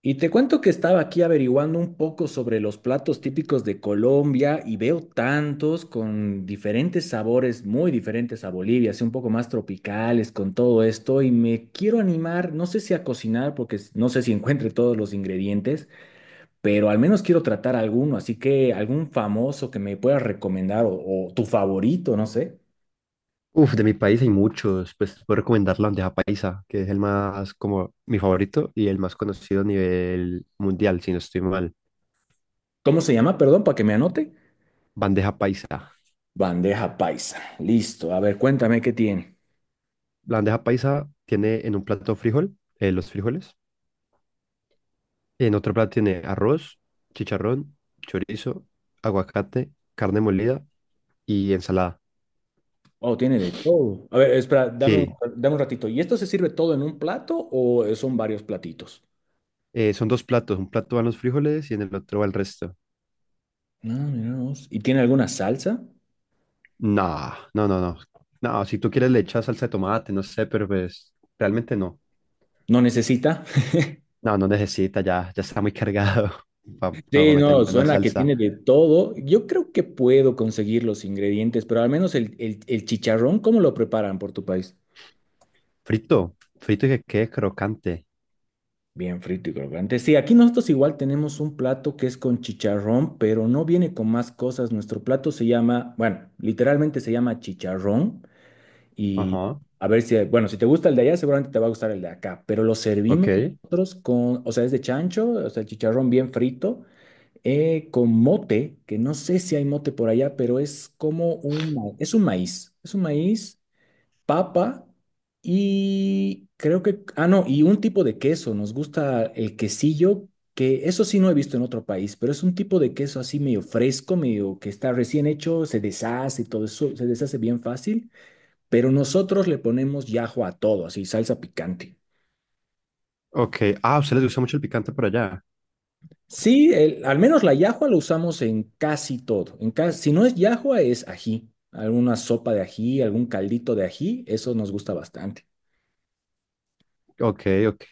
Y te cuento que estaba aquí averiguando un poco sobre los platos típicos de Colombia y veo tantos con diferentes sabores, muy diferentes a Bolivia, así un poco más tropicales con todo esto y me quiero animar, no sé si a cocinar porque no sé si encuentre todos los ingredientes, pero al menos quiero tratar alguno, así que algún famoso que me puedas recomendar o tu favorito, no sé. Uf, de mi país hay muchos, pues puedo recomendar la bandeja paisa, que es el más como mi favorito y el más conocido a nivel mundial, si no estoy mal. ¿Cómo se llama? Perdón, para que me anote. Bandeja paisa. Bandeja paisa. Listo. A ver, cuéntame qué tiene. La bandeja paisa tiene en un plato frijol, los frijoles, en otro plato tiene arroz, chicharrón, chorizo, aguacate, carne molida y ensalada. Oh, tiene de todo. A ver, espera, dame un, Sí, dame un ratito. ¿Y esto se sirve todo en un plato o son varios platitos? Son dos platos, un plato van los frijoles y en el otro va el resto. Ah, mira vos. ¿Y tiene alguna salsa? No, no, no, no. No, si tú quieres le echas salsa de tomate, no sé, pero pues realmente no. ¿No necesita? No, no necesita, ya, ya está muy cargado para Sí, meterlo no, en una suena que salsa. tiene de todo. Yo creo que puedo conseguir los ingredientes, pero al menos el chicharrón, ¿cómo lo preparan por tu país? Frito, frito y que quede crocante. Bien frito y crocante. Sí, aquí nosotros igual tenemos un plato que es con chicharrón, pero no viene con más cosas. Nuestro plato se llama, bueno, literalmente se llama chicharrón. Y Ajá, a ver si, bueno, si te gusta el de allá, seguramente te va a gustar el de acá, pero lo ok, servimos nosotros con, o sea, es de chancho, o sea, chicharrón bien frito, con mote, que no sé si hay mote por allá, pero es como un, es un maíz, papa y creo que, ah, no, y un tipo de queso, nos gusta el quesillo, que eso sí no he visto en otro país, pero es un tipo de queso así medio fresco, medio que está recién hecho, se deshace y todo eso, se deshace bien fácil pero nosotros le ponemos yahua a todo, así, salsa picante. ok. Ah, a ustedes les gusta mucho el picante por allá. Sí, al menos la yahua lo usamos en casi todo. En si no es yahua, es ají. Alguna sopa de ají, algún caldito de ají, eso nos gusta bastante. Ok, ok.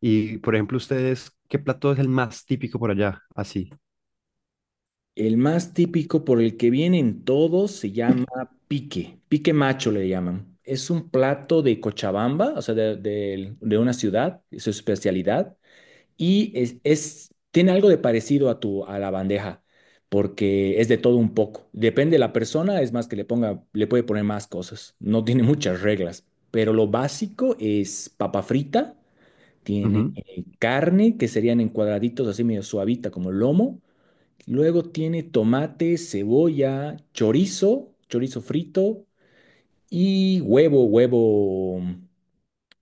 Y, por ejemplo, ustedes, ¿qué plato es el más típico por allá? Así. El más típico por el que vienen todos se llama pique. Pique macho le llaman. Es un plato de Cochabamba, o sea, de una ciudad, es su especialidad. Y tiene algo de parecido a tu, a la bandeja, porque es de todo un poco. Depende de la persona, es más que le ponga, le puede poner más cosas. No tiene muchas reglas, pero lo básico es papa frita, tiene Ujú. Carne, que serían en cuadraditos así medio suavita como lomo. Luego tiene tomate, cebolla, chorizo, chorizo frito y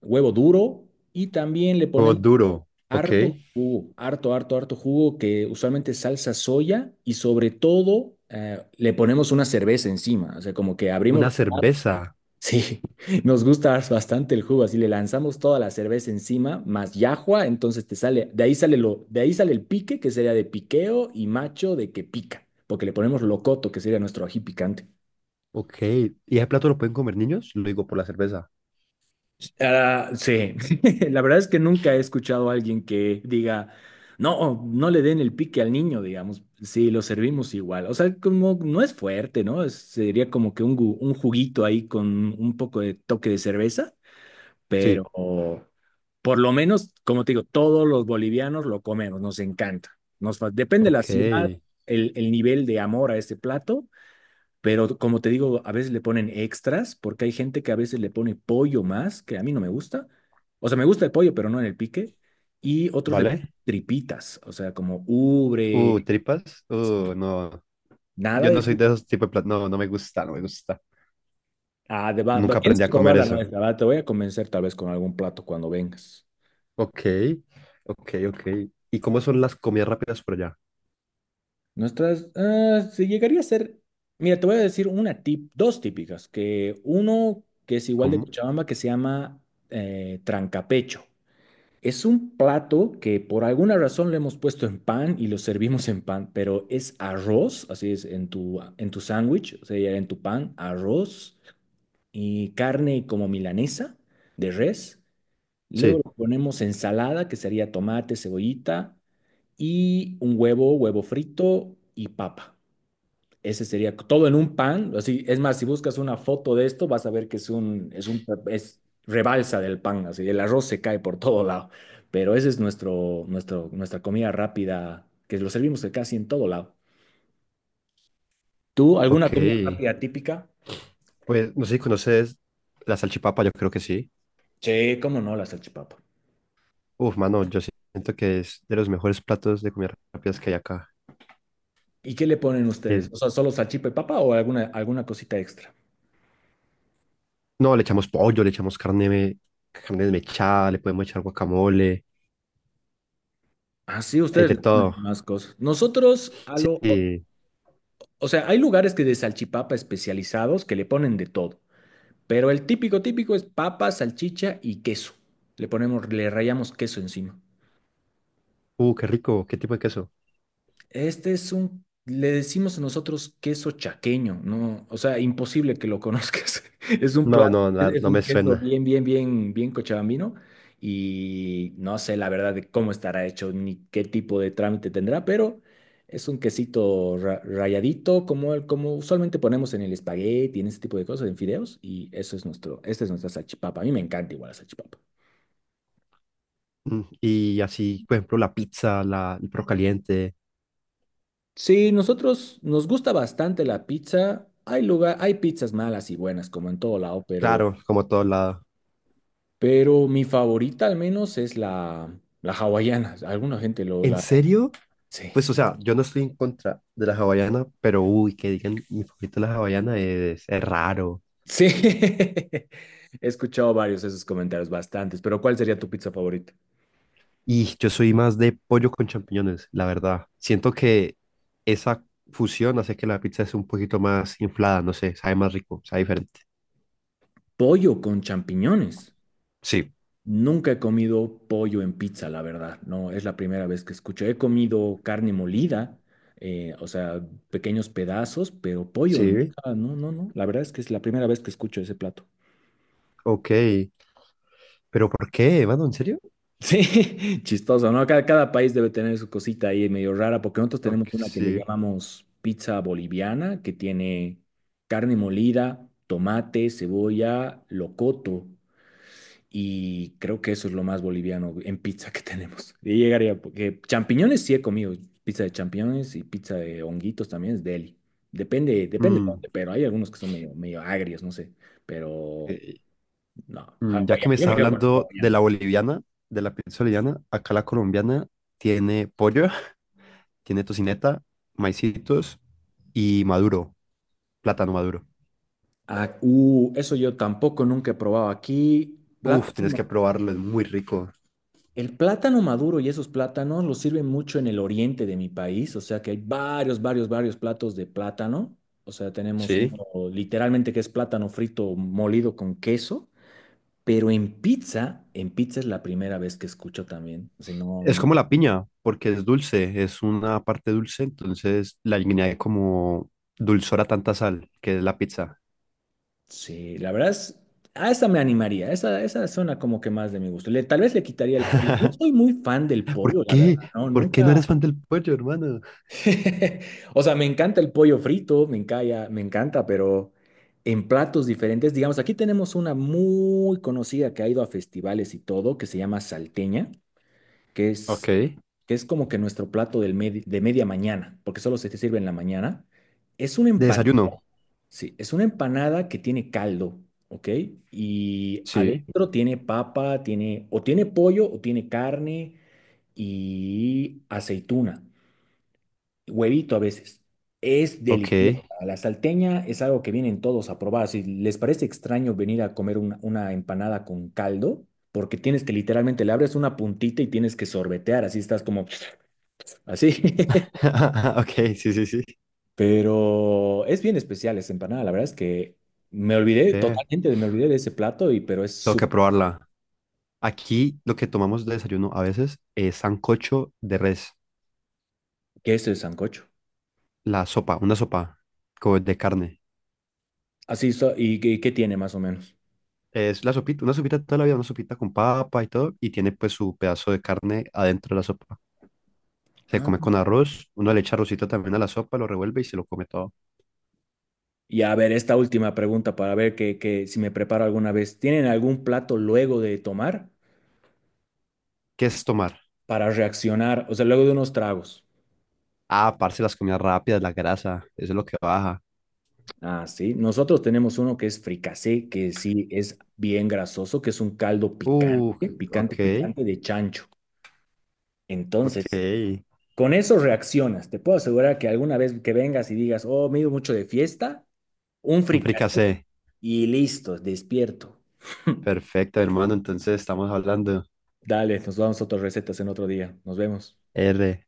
huevo duro. Y también le Huevo ponemos duro, ok. harto jugo, harto jugo que usualmente es salsa soya y sobre todo le ponemos una cerveza encima, o sea, como que abrimos, Una cerveza, sí, nos gusta bastante el jugo, así le lanzamos toda la cerveza encima, más yahua, entonces te sale, de ahí sale el pique, que sería de piqueo y macho de que pica, porque le ponemos locoto, que sería nuestro ají picante. ok. ¿Y ese plato lo pueden comer niños? Lo digo por la cerveza. Ah, sí, la verdad es que nunca he escuchado a alguien que diga, no, oh, no le den el pique al niño, digamos, sí, lo servimos igual. O sea, como no es fuerte, ¿no? Sería como que un, un juguito ahí con un poco de toque de cerveza, Sí, pero por lo menos, como te digo, todos los bolivianos lo comemos, nos encanta. Depende de la ciudad, ok. el nivel de amor a este plato, pero como te digo, a veces le ponen extras porque hay gente que a veces le pone pollo más, que a mí no me gusta. O sea, me gusta el pollo, pero no en el pique. Y otros le ¿Vale? ponen tripitas, o sea, como ubre, Tripas. sí. No. Nada Yo de no soy de tripa. esos tipos de platos. No, no me gusta, no me gusta. Ah, Nunca tienes aprendí que a probar comer la eso. nuez, la verdad. Te voy a convencer tal vez con algún plato cuando vengas. Ok, ok, ok. ¿Y cómo son las comidas rápidas por allá? Nuestras, ah, se llegaría a ser, mira, te voy a decir una tip, dos típicas, que uno que es igual de ¿Cómo? Cochabamba que se llama trancapecho. Es un plato que por alguna razón lo hemos puesto en pan y lo servimos en pan, pero es arroz, así es, en tu sándwich, o sea, en tu pan, arroz y carne como milanesa de res. Luego Sí, le ponemos ensalada, que sería tomate, cebollita y un huevo frito y papa. Ese sería todo en un pan. Así, es más, si buscas una foto de esto, vas a ver que es un, es rebalsa del pan, así, el arroz se cae por todo lado. Pero ese es nuestra comida rápida, que lo servimos de casi en todo lado. ¿Tú, alguna comida ok. rápida típica? Pues no sé si conoces la salchipapa, yo creo que sí. Sí, cómo no, la salchipapa. Uf, mano, yo siento que es de los mejores platos de comidas rápidas que hay acá. ¿Y qué le ponen ustedes? Eh, O sea, ¿solo salchipa y papa o alguna cosita extra? no, le echamos pollo, le echamos carne, carne desmechada, le podemos echar guacamole, Así hay ustedes de le ponen todo. más cosas. Nosotros, Sí. o sea, hay lugares que de salchipapa especializados que le ponen de todo. Pero el típico, típico es papa, salchicha y queso. Le ponemos, le rayamos queso encima. Qué rico, qué tipo de queso. Este es un, le decimos nosotros queso chaqueño, ¿no? O sea, imposible que lo conozcas. Es un No, plato, no, es no un me queso suena. bien, bien cochabambino. Y no sé la verdad de cómo estará hecho ni qué tipo de trámite tendrá, pero es un quesito rayadito, como, el, como usualmente ponemos en el espagueti, en ese tipo de cosas, en fideos. Y eso es nuestro, esta es nuestra salchipapa. A mí me encanta igual la salchipapa. Mm, y así, por ejemplo, la pizza, la, el perro caliente, Sí, nosotros nos gusta bastante la pizza. Hay lugar, hay pizzas malas y buenas, como en todo lado, claro, como todo lado. pero mi favorita al menos es la hawaiana. Alguna gente lo ¿En la. serio? Sí. Pues, o sea, yo no estoy en contra de la hawaiana, pero uy, que digan mi favorito de la hawaiana es raro. Sí. He escuchado varios de esos comentarios, bastantes. Pero ¿cuál sería tu pizza favorita? Y yo soy más de pollo con champiñones, la verdad. Siento que esa fusión hace que la pizza es un poquito más inflada, no sé, sabe más rico, sabe diferente. Pollo con champiñones. Sí. Nunca he comido pollo en pizza, la verdad, no, es la primera vez que escucho. He comido carne molida, o sea, pequeños pedazos, pero pollo, Sí, nunca, no, la verdad es que es la primera vez que escucho ese plato. ok. ¿Pero por qué, mano? ¿En serio? Sí, chistoso, ¿no? Cada país debe tener su cosita ahí medio rara, porque nosotros Ok, tenemos una que le sí. llamamos pizza boliviana, que tiene carne molida, tomate, cebolla, locoto. Y creo que eso es lo más boliviano en pizza que tenemos. Y llegaría, porque champiñones sí he comido, pizza de champiñones y pizza de honguitos también es deli. Depende, depende de Mm, dónde, pero hay algunos que son medio, medio agrios, no sé. Pero ok. no, Mm, ya que hawaiano. me Yo me estás quedo con el hablando de hawaiano. la boliviana, de la pizza boliviana, acá la colombiana tiene pollo, tiene tocineta, maicitos y maduro, plátano maduro. Ah, eso yo tampoco nunca he probado aquí. Uf, tienes Plátano. que probarlo, es muy rico. El plátano maduro y esos plátanos los sirven mucho en el oriente de mi país, o sea que hay varios platos de plátano. O sea, tenemos Sí. uno literalmente que es plátano frito molido con queso, pero en pizza es la primera vez que escucho también. O sea, no, Es no. como la piña, porque es dulce, es una parte dulce, entonces la añade como dulzor a tanta sal, que es la pizza. Sí, la verdad es, a esa me animaría, esa suena como que más de mi gusto. Tal vez le quitaría el pollo. No soy muy fan del ¿Por pollo, la verdad, qué? ¿no? ¿Por qué no Nunca, eres fan del pollo, hermano? O sea, me encanta el pollo frito, me encanta, pero en platos diferentes, digamos, aquí tenemos una muy conocida que ha ido a festivales y todo, que se llama salteña, que Ok. es, De que es como que nuestro plato de media mañana, porque solo se te sirve en la mañana. Es una empanada, desayuno. sí, es una empanada que tiene caldo, ¿ok? Y Sí. adentro tiene papa, tiene, o tiene pollo, o tiene carne y aceituna. Huevito a veces. Es deliciosa. Ok. La salteña es algo que vienen todos a probar. Si les parece extraño venir a comer una empanada con caldo, porque tienes que literalmente le abres una puntita y tienes que sorbetear, así estás como así. Ok, sí, sí, sí. Pero es bien especial esa empanada. La verdad es que me olvidé Ve, totalmente, me olvidé de ese plato, y, pero es tengo que su probarla. Aquí lo que tomamos de desayuno a veces es sancocho de res, queso de sancocho. la sopa, una sopa como de carne. Así, qué qué tiene más o menos? Es la sopita, una sopita toda la vida, una sopita con papa y todo, y tiene pues su pedazo de carne adentro de la sopa. Se come con arroz, uno le echa arrocito también a la sopa, lo revuelve y se lo come todo. Y a ver, esta última pregunta para ver que si me preparo alguna vez. ¿Tienen algún plato luego de tomar ¿Qué es tomar? para reaccionar? O sea, luego de unos tragos. Ah, parce, las comidas rápidas, la grasa, eso es lo que baja. Ah, sí. Nosotros tenemos uno que es fricasé, que sí es bien grasoso, que es un caldo Uh, ok, picante de chancho. Entonces, ok. con eso reaccionas. Te puedo asegurar que alguna vez que vengas y digas, oh, me he ido mucho de fiesta, un Un fricasé fricasé. y listo, despierto. Perfecto, hermano, entonces estamos hablando. Dale, nos damos otras recetas en otro día. Nos vemos. R.